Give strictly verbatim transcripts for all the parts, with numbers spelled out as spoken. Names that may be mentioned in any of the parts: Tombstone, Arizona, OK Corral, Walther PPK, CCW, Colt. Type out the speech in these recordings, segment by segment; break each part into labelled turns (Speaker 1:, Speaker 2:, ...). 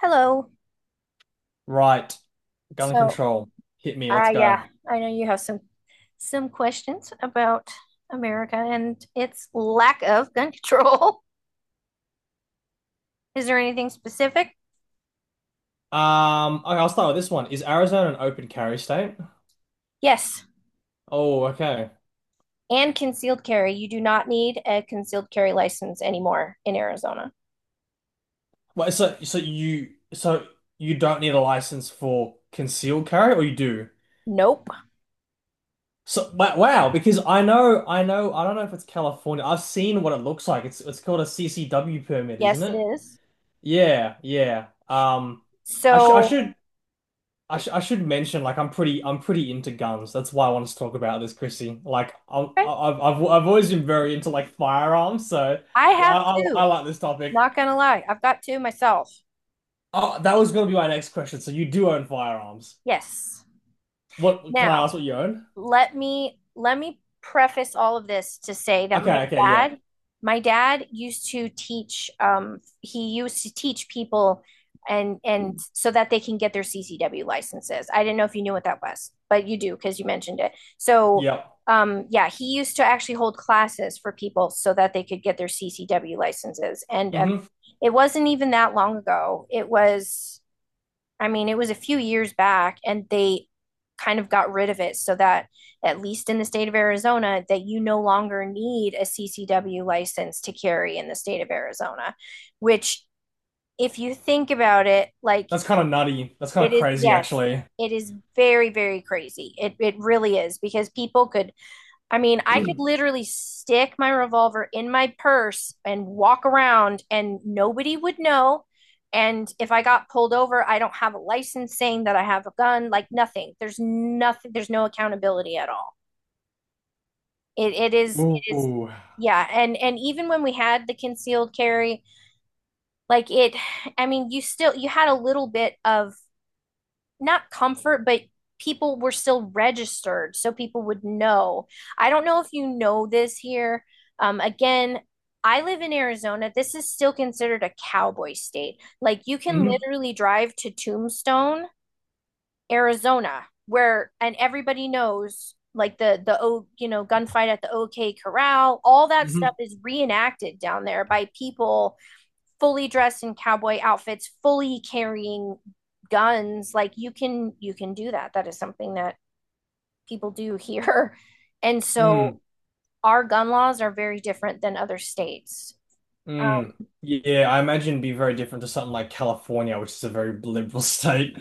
Speaker 1: Hello.
Speaker 2: Right. Gun
Speaker 1: So,
Speaker 2: control. Hit me.
Speaker 1: uh,
Speaker 2: Let's go.
Speaker 1: yeah, I know you have some some questions about America and its lack of gun control. Is there anything specific?
Speaker 2: Um, okay, I'll start with this one. Is Arizona an open carry state?
Speaker 1: Yes,
Speaker 2: Oh, okay.
Speaker 1: and concealed carry. You do not need a concealed carry license anymore in Arizona.
Speaker 2: Well, so so you so you don't need a license for concealed carry, or you do?
Speaker 1: Nope.
Speaker 2: So wa- wow, because I know I know I don't know if it's California. I've seen what it looks like. It's it's called a C C W permit, isn't
Speaker 1: Yes, it
Speaker 2: it?
Speaker 1: is.
Speaker 2: Yeah, yeah. Um, I should I
Speaker 1: So,
Speaker 2: should I, sh I should mention like I'm pretty I'm pretty into guns. That's why I want to talk about this, Chrissy. Like I'm, I-
Speaker 1: okay.
Speaker 2: I've I've I've always been very into like firearms, so
Speaker 1: I
Speaker 2: I
Speaker 1: have
Speaker 2: I, I
Speaker 1: two.
Speaker 2: like this topic.
Speaker 1: Not gonna lie, I've got two myself.
Speaker 2: Oh, that was gonna be my next question. So you do own firearms.
Speaker 1: Yes.
Speaker 2: What, can I
Speaker 1: Now,
Speaker 2: ask what you own?
Speaker 1: let me let me preface all of this to say that my
Speaker 2: Okay, okay, yeah,
Speaker 1: dad my dad used to teach um he used to teach people and and so that they can get their C C W licenses. I didn't know if you knew what that was, but you do because you mentioned it. So,
Speaker 2: yeah.
Speaker 1: um yeah, he used to actually hold classes for people so that they could get their C C W licenses, and uh,
Speaker 2: hmm
Speaker 1: it wasn't even that long ago. It was, I mean, it was a few years back, and they kind of got rid of it so that, at least in the state of Arizona, that you no longer need a C C W license to carry in the state of Arizona, which, if you think about it, like,
Speaker 2: That's kind of nutty. That's kind
Speaker 1: it
Speaker 2: of
Speaker 1: is.
Speaker 2: crazy,
Speaker 1: Yes,
Speaker 2: actually.
Speaker 1: it is very, very crazy. It it really is, because people could, I mean, I could literally stick my revolver in my purse and walk around and nobody would know. And if I got pulled over, I don't have a license saying that I have a gun, like nothing. There's nothing, there's no accountability at all. It it is it is.
Speaker 2: Ooh.
Speaker 1: Yeah, and and even when we had the concealed carry, like, it, I mean, you still you had a little bit of, not comfort, but people were still registered, so people would know. I don't know if you know this here. Um, again, I live in Arizona. This is still considered a cowboy state. Like, you can
Speaker 2: hmm
Speaker 1: literally drive to Tombstone, Arizona, where, and everybody knows, like, the the oh you know gunfight at the OK Corral. All that
Speaker 2: hmm
Speaker 1: stuff is reenacted down there by people fully dressed in cowboy outfits, fully carrying guns. Like, you can you can do that. That is something that people do here. And so
Speaker 2: Mm.
Speaker 1: our gun laws are very different than other states.
Speaker 2: Mm.
Speaker 1: Um,
Speaker 2: Yeah, I imagine it'd be very different to something like California, which is a very liberal state.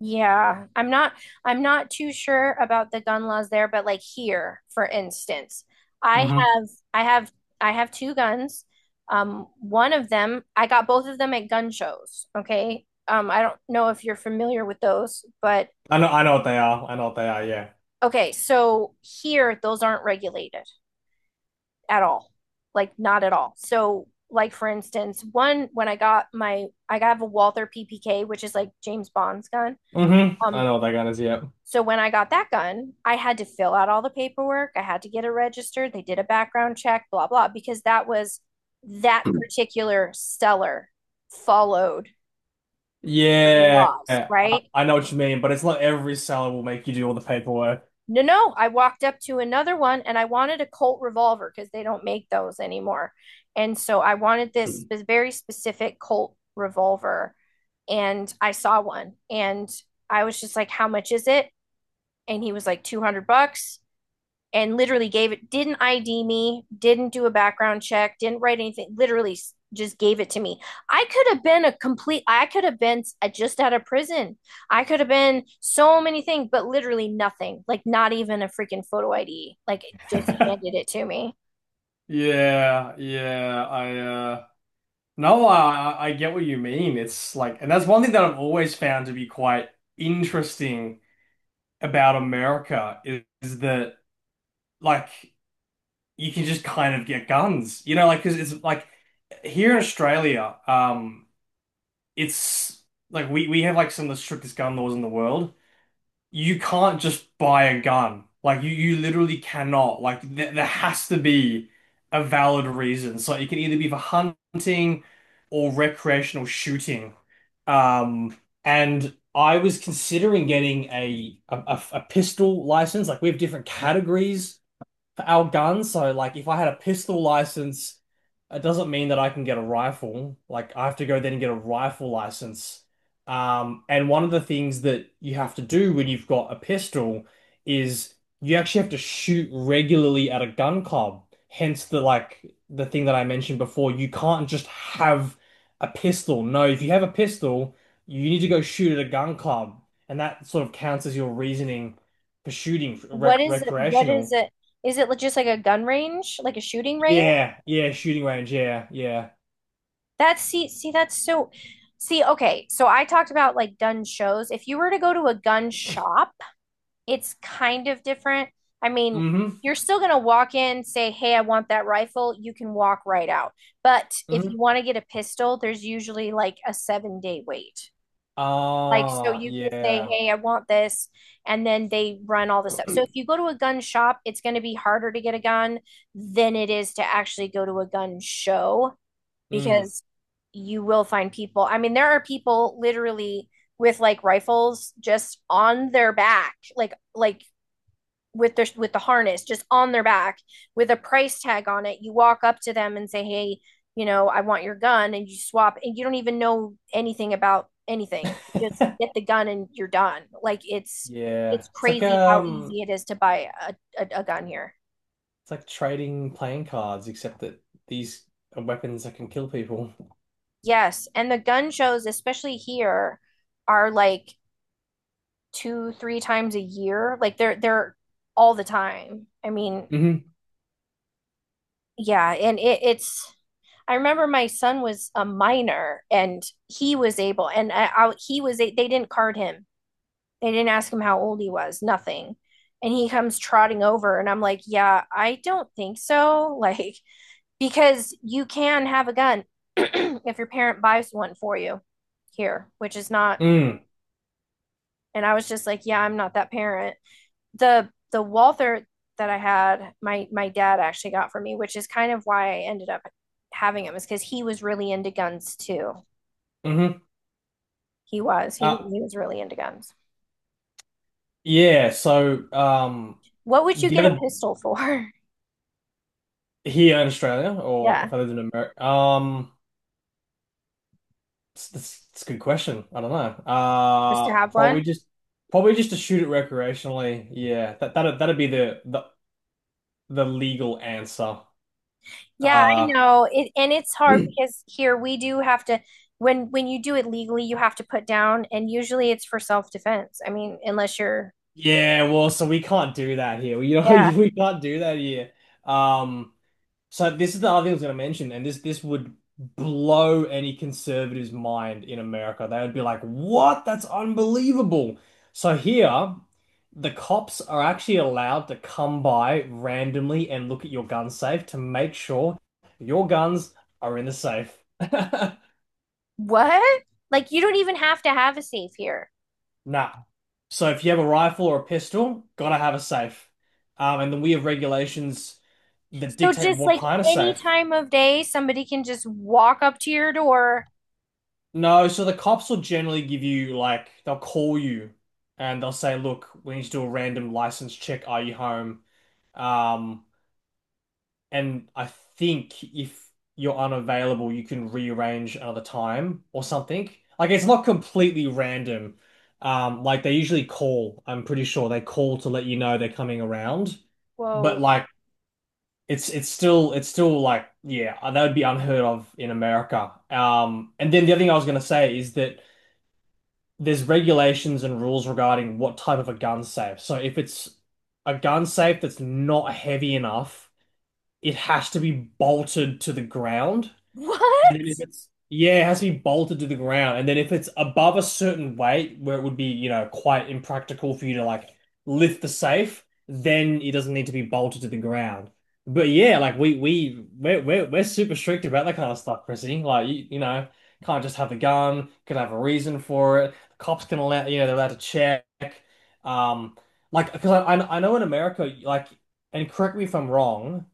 Speaker 1: yeah, I'm not I'm not too sure about the gun laws there, but, like, here, for instance, I
Speaker 2: hmm
Speaker 1: have I have I have two guns. Um, one of them, I got both of them at gun shows. Okay. Um, I don't know if you're familiar with those, but
Speaker 2: I know, I know what they are. I know what they are. Yeah.
Speaker 1: okay, so here those aren't regulated at all. Like, not at all. So, like, for instance, one when I got my I got a Walther P P K, which is like James Bond's gun.
Speaker 2: hmm I
Speaker 1: Um
Speaker 2: know what that gun is. Yep.
Speaker 1: so when I got that gun, I had to fill out all the paperwork. I had to get it registered. They did a background check, blah blah, because that was that particular seller followed
Speaker 2: Yeah.
Speaker 1: laws,
Speaker 2: I,
Speaker 1: right?
Speaker 2: I know what you mean, but it's not every seller will make you do all the paperwork.
Speaker 1: No, no, I walked up to another one and I wanted a Colt revolver because they don't make those anymore. And so I wanted this very specific Colt revolver. And I saw one, and I was just like, how much is it? And he was like, two hundred bucks, and literally gave it, didn't I D me, didn't do a background check, didn't write anything, literally just gave it to me. I could have been a complete, I could have been uh, just out of prison. I could have been so many things, but literally nothing, like not even a freaking photo I D. Like, it just handed it to me.
Speaker 2: Yeah, yeah, I uh, no, I I I get what you mean. It's like, and that's one thing that I've always found to be quite interesting about America is, is that like you can just kind of get guns, you know, like because it's like here in Australia, um, it's like we we have like some of the strictest gun laws in the world. You can't just buy a gun. Like you you literally cannot. Like th there has to be a valid reason. So it can either be for hunting or recreational shooting. Um, and I was considering getting a a, a a pistol license. Like we have different categories for our gun. So like if I had a pistol license, it doesn't mean that I can get a rifle. Like I have to go then and get a rifle license. Um, and one of the things that you have to do when you've got a pistol is you actually have to shoot regularly at a gun club. Hence the like the thing that I mentioned before. You can't just have a pistol. No, if you have a pistol, you need to go shoot at a gun club. And that sort of counts as your reasoning for shooting rec
Speaker 1: What is it? What is
Speaker 2: recreational.
Speaker 1: it? Is it just like a gun range, like a shooting range?
Speaker 2: Yeah, yeah, shooting range, yeah, yeah.
Speaker 1: That's, see, see, that's so. See, okay, so I talked about, like, gun shows. If you were to go to a gun shop, it's kind of different. I mean,
Speaker 2: Mm-hmm.
Speaker 1: you're still going to walk in, say, hey, I want that rifle. You can walk right out. But if
Speaker 2: Mm-hmm.
Speaker 1: you want to get a pistol, there's usually like a seven day wait. Like, so
Speaker 2: Ah,
Speaker 1: you can say,
Speaker 2: yeah.
Speaker 1: hey, I want this. And then they run all the stuff. So if you go to a gun shop, it's going to be harder to get a gun than it is to actually go to a gun show,
Speaker 2: Mm.
Speaker 1: because you will find people. I mean, there are people literally with, like, rifles just on their back, like, like, with their with the harness just on their back, with a price tag on it. You walk up to them and say, hey, you know I want your gun, and you swap, and you don't even know anything about anything. Just get the gun and you're done. Like, it's
Speaker 2: Yeah.
Speaker 1: it's
Speaker 2: It's like
Speaker 1: crazy how easy
Speaker 2: um
Speaker 1: it is to buy a, a, a gun here.
Speaker 2: it's like trading playing cards, except that these are weapons that can kill people.
Speaker 1: Yes, and the gun shows, especially here, are like two three times a year. Like, they're they're all the time. I mean,
Speaker 2: Mm-hmm.
Speaker 1: yeah, and it, it's I remember my son was a minor, and he was able, and I, I, he was, they didn't card him. They didn't ask him how old he was, nothing. And he comes trotting over, and I'm like, yeah, I don't think so. Like, because you can have a gun if your parent buys one for you here, which is not.
Speaker 2: Mm.
Speaker 1: And I was just like, yeah, I'm not that parent. The, the Walther that I had, my, my dad actually got for me, which is kind of why I ended up having him, is because he was really into guns too.
Speaker 2: hmm mm hmm
Speaker 1: He was. He was,
Speaker 2: Uh
Speaker 1: he was really into guns.
Speaker 2: yeah, so um
Speaker 1: What would you
Speaker 2: the
Speaker 1: get a
Speaker 2: other
Speaker 1: pistol for?
Speaker 2: here in Australia, or
Speaker 1: Yeah,
Speaker 2: if I lived in America. um That's, that's, that's a good question. I don't know.
Speaker 1: just to
Speaker 2: Uh,
Speaker 1: have
Speaker 2: probably
Speaker 1: one.
Speaker 2: just probably just to shoot it recreationally. Yeah, that that'd that'd be the the the legal answer.
Speaker 1: Yeah, I
Speaker 2: Uh,
Speaker 1: know. It, and it's hard because here we do have to, when when you do it legally, you have to put down, and usually it's for self-defense. I mean, unless you're,
Speaker 2: yeah. Well, so we can't do that here. You know,
Speaker 1: yeah.
Speaker 2: we can't do that here. Um. So this is the other thing I was going to mention, and this this would blow any conservative's mind in America. They would be like, "What? That's unbelievable." So here, the cops are actually allowed to come by randomly and look at your gun safe to make sure your guns are in the safe.
Speaker 1: What? Like, you don't even have to have a safe here.
Speaker 2: Nah. So if you have a rifle or a pistol, gotta have a safe. Um, and then we have regulations that
Speaker 1: So
Speaker 2: dictate
Speaker 1: just
Speaker 2: what
Speaker 1: like
Speaker 2: kind of
Speaker 1: any
Speaker 2: safe.
Speaker 1: time of day, somebody can just walk up to your door.
Speaker 2: No, so the cops will generally give you like they'll call you and they'll say, "Look, we need to do a random license check. Are you home?" Um, and I think if you're unavailable, you can rearrange another time or something. Like it's not completely random. Um, like they usually call. I'm pretty sure they call to let you know they're coming around. But
Speaker 1: Whoa.
Speaker 2: like it's it's still it's still like yeah, that would be unheard of in America. Um, and then the other thing I was gonna say is that there's regulations and rules regarding what type of a gun safe. So if it's a gun safe that's not heavy enough, it has to be bolted to the ground
Speaker 1: What?
Speaker 2: and then if it's yeah, it has to be bolted to the ground. And then if it's above a certain weight where it would be, you know, quite impractical for you to like lift the safe, then it doesn't need to be bolted to the ground. But yeah, like we we we're we're, we're super strict about that kind of stuff, Chrissy. Like you, you know, can't just have a gun, could have a reason for it. Cops can allow, you know, they're allowed to check. Um, like because I I I know in America, like, and correct me if I'm wrong,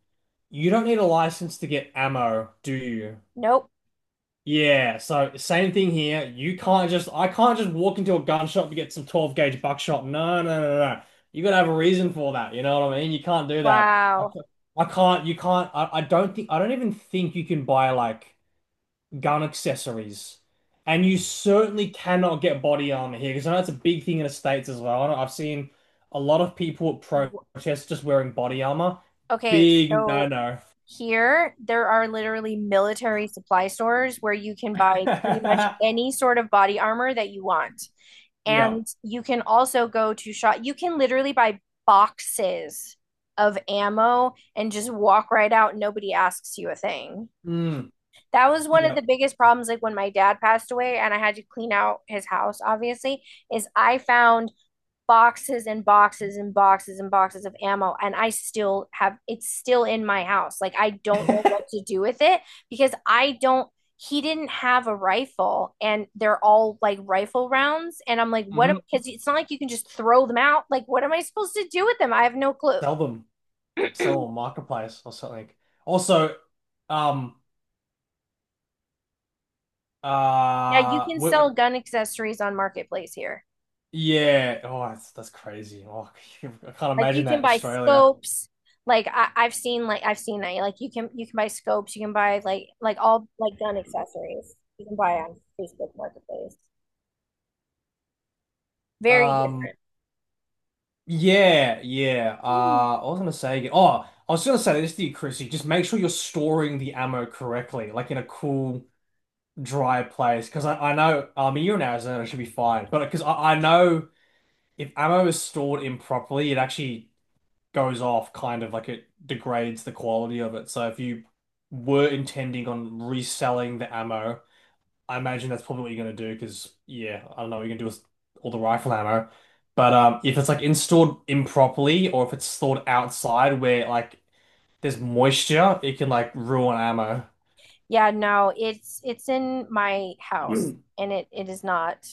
Speaker 2: you don't need a license to get ammo, do you?
Speaker 1: Nope.
Speaker 2: Yeah, so same thing here. You can't just I can't just walk into a gun shop and get some twelve gauge buckshot. No, no, no, no. You gotta have a reason for that. You know what I mean? You can't do that. I,
Speaker 1: Wow.
Speaker 2: ca- I can't. You can't. I, I don't think. I don't even think you can buy like gun accessories, and you certainly cannot get body armor here because I know it's a big thing in the States as well. I know I've seen a lot of people at protests just wearing body armor.
Speaker 1: Okay,
Speaker 2: Big no
Speaker 1: so
Speaker 2: no.
Speaker 1: here there are literally military supply stores where you can buy pretty much any sort of body armor that you want.
Speaker 2: Yeah.
Speaker 1: And you can also go to shop, you can literally buy boxes of ammo and just walk right out. And nobody asks you a thing.
Speaker 2: Mm.
Speaker 1: That was one of
Speaker 2: Yeah.
Speaker 1: the biggest problems, like when my dad passed away and I had to clean out his house, obviously, is I found boxes and boxes and boxes and boxes of ammo, and I still have it's still in my house. Like, I don't know what to do with it, because I don't he didn't have a rifle and they're all like rifle rounds, and I'm like, what am
Speaker 2: hmm
Speaker 1: cuz it's not like you can just throw them out. Like, what am I supposed to do with them? I have no clue.
Speaker 2: Sell them, sell on marketplace or something. Also, um,
Speaker 1: Yeah, you
Speaker 2: uh,
Speaker 1: can
Speaker 2: w
Speaker 1: sell gun accessories on marketplace here.
Speaker 2: yeah, oh, that's, that's crazy. Oh, I can't
Speaker 1: Like,
Speaker 2: imagine
Speaker 1: you
Speaker 2: that
Speaker 1: can
Speaker 2: in
Speaker 1: buy
Speaker 2: Australia.
Speaker 1: scopes. Like, I, I've seen like I've seen that. Like, you can you can buy scopes, you can buy, like like, all like gun accessories. You can buy on Facebook Marketplace. Very
Speaker 2: Um,
Speaker 1: different.
Speaker 2: yeah, yeah. Uh,
Speaker 1: Mhm.
Speaker 2: I was gonna say again. Oh, I was gonna say this to you, Chrissy. Just make sure you're storing the ammo correctly, like in a cool, dry place. Because I, I know, um, you're in Arizona, it should be fine. But because I, I know if ammo is stored improperly, it actually goes off, kind of like it degrades the quality of it. So if you were intending on reselling the ammo, I imagine that's probably what you're gonna do because yeah, I don't know what you're gonna do with all the rifle ammo. But um, if it's like installed improperly or if it's stored outside where like there's moisture, it can like ruin ammo.
Speaker 1: Yeah, no, it's it's in my house and it it is not.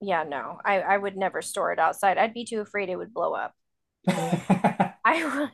Speaker 1: Yeah, no. I I would never store it outside. I'd be too afraid it would blow up. I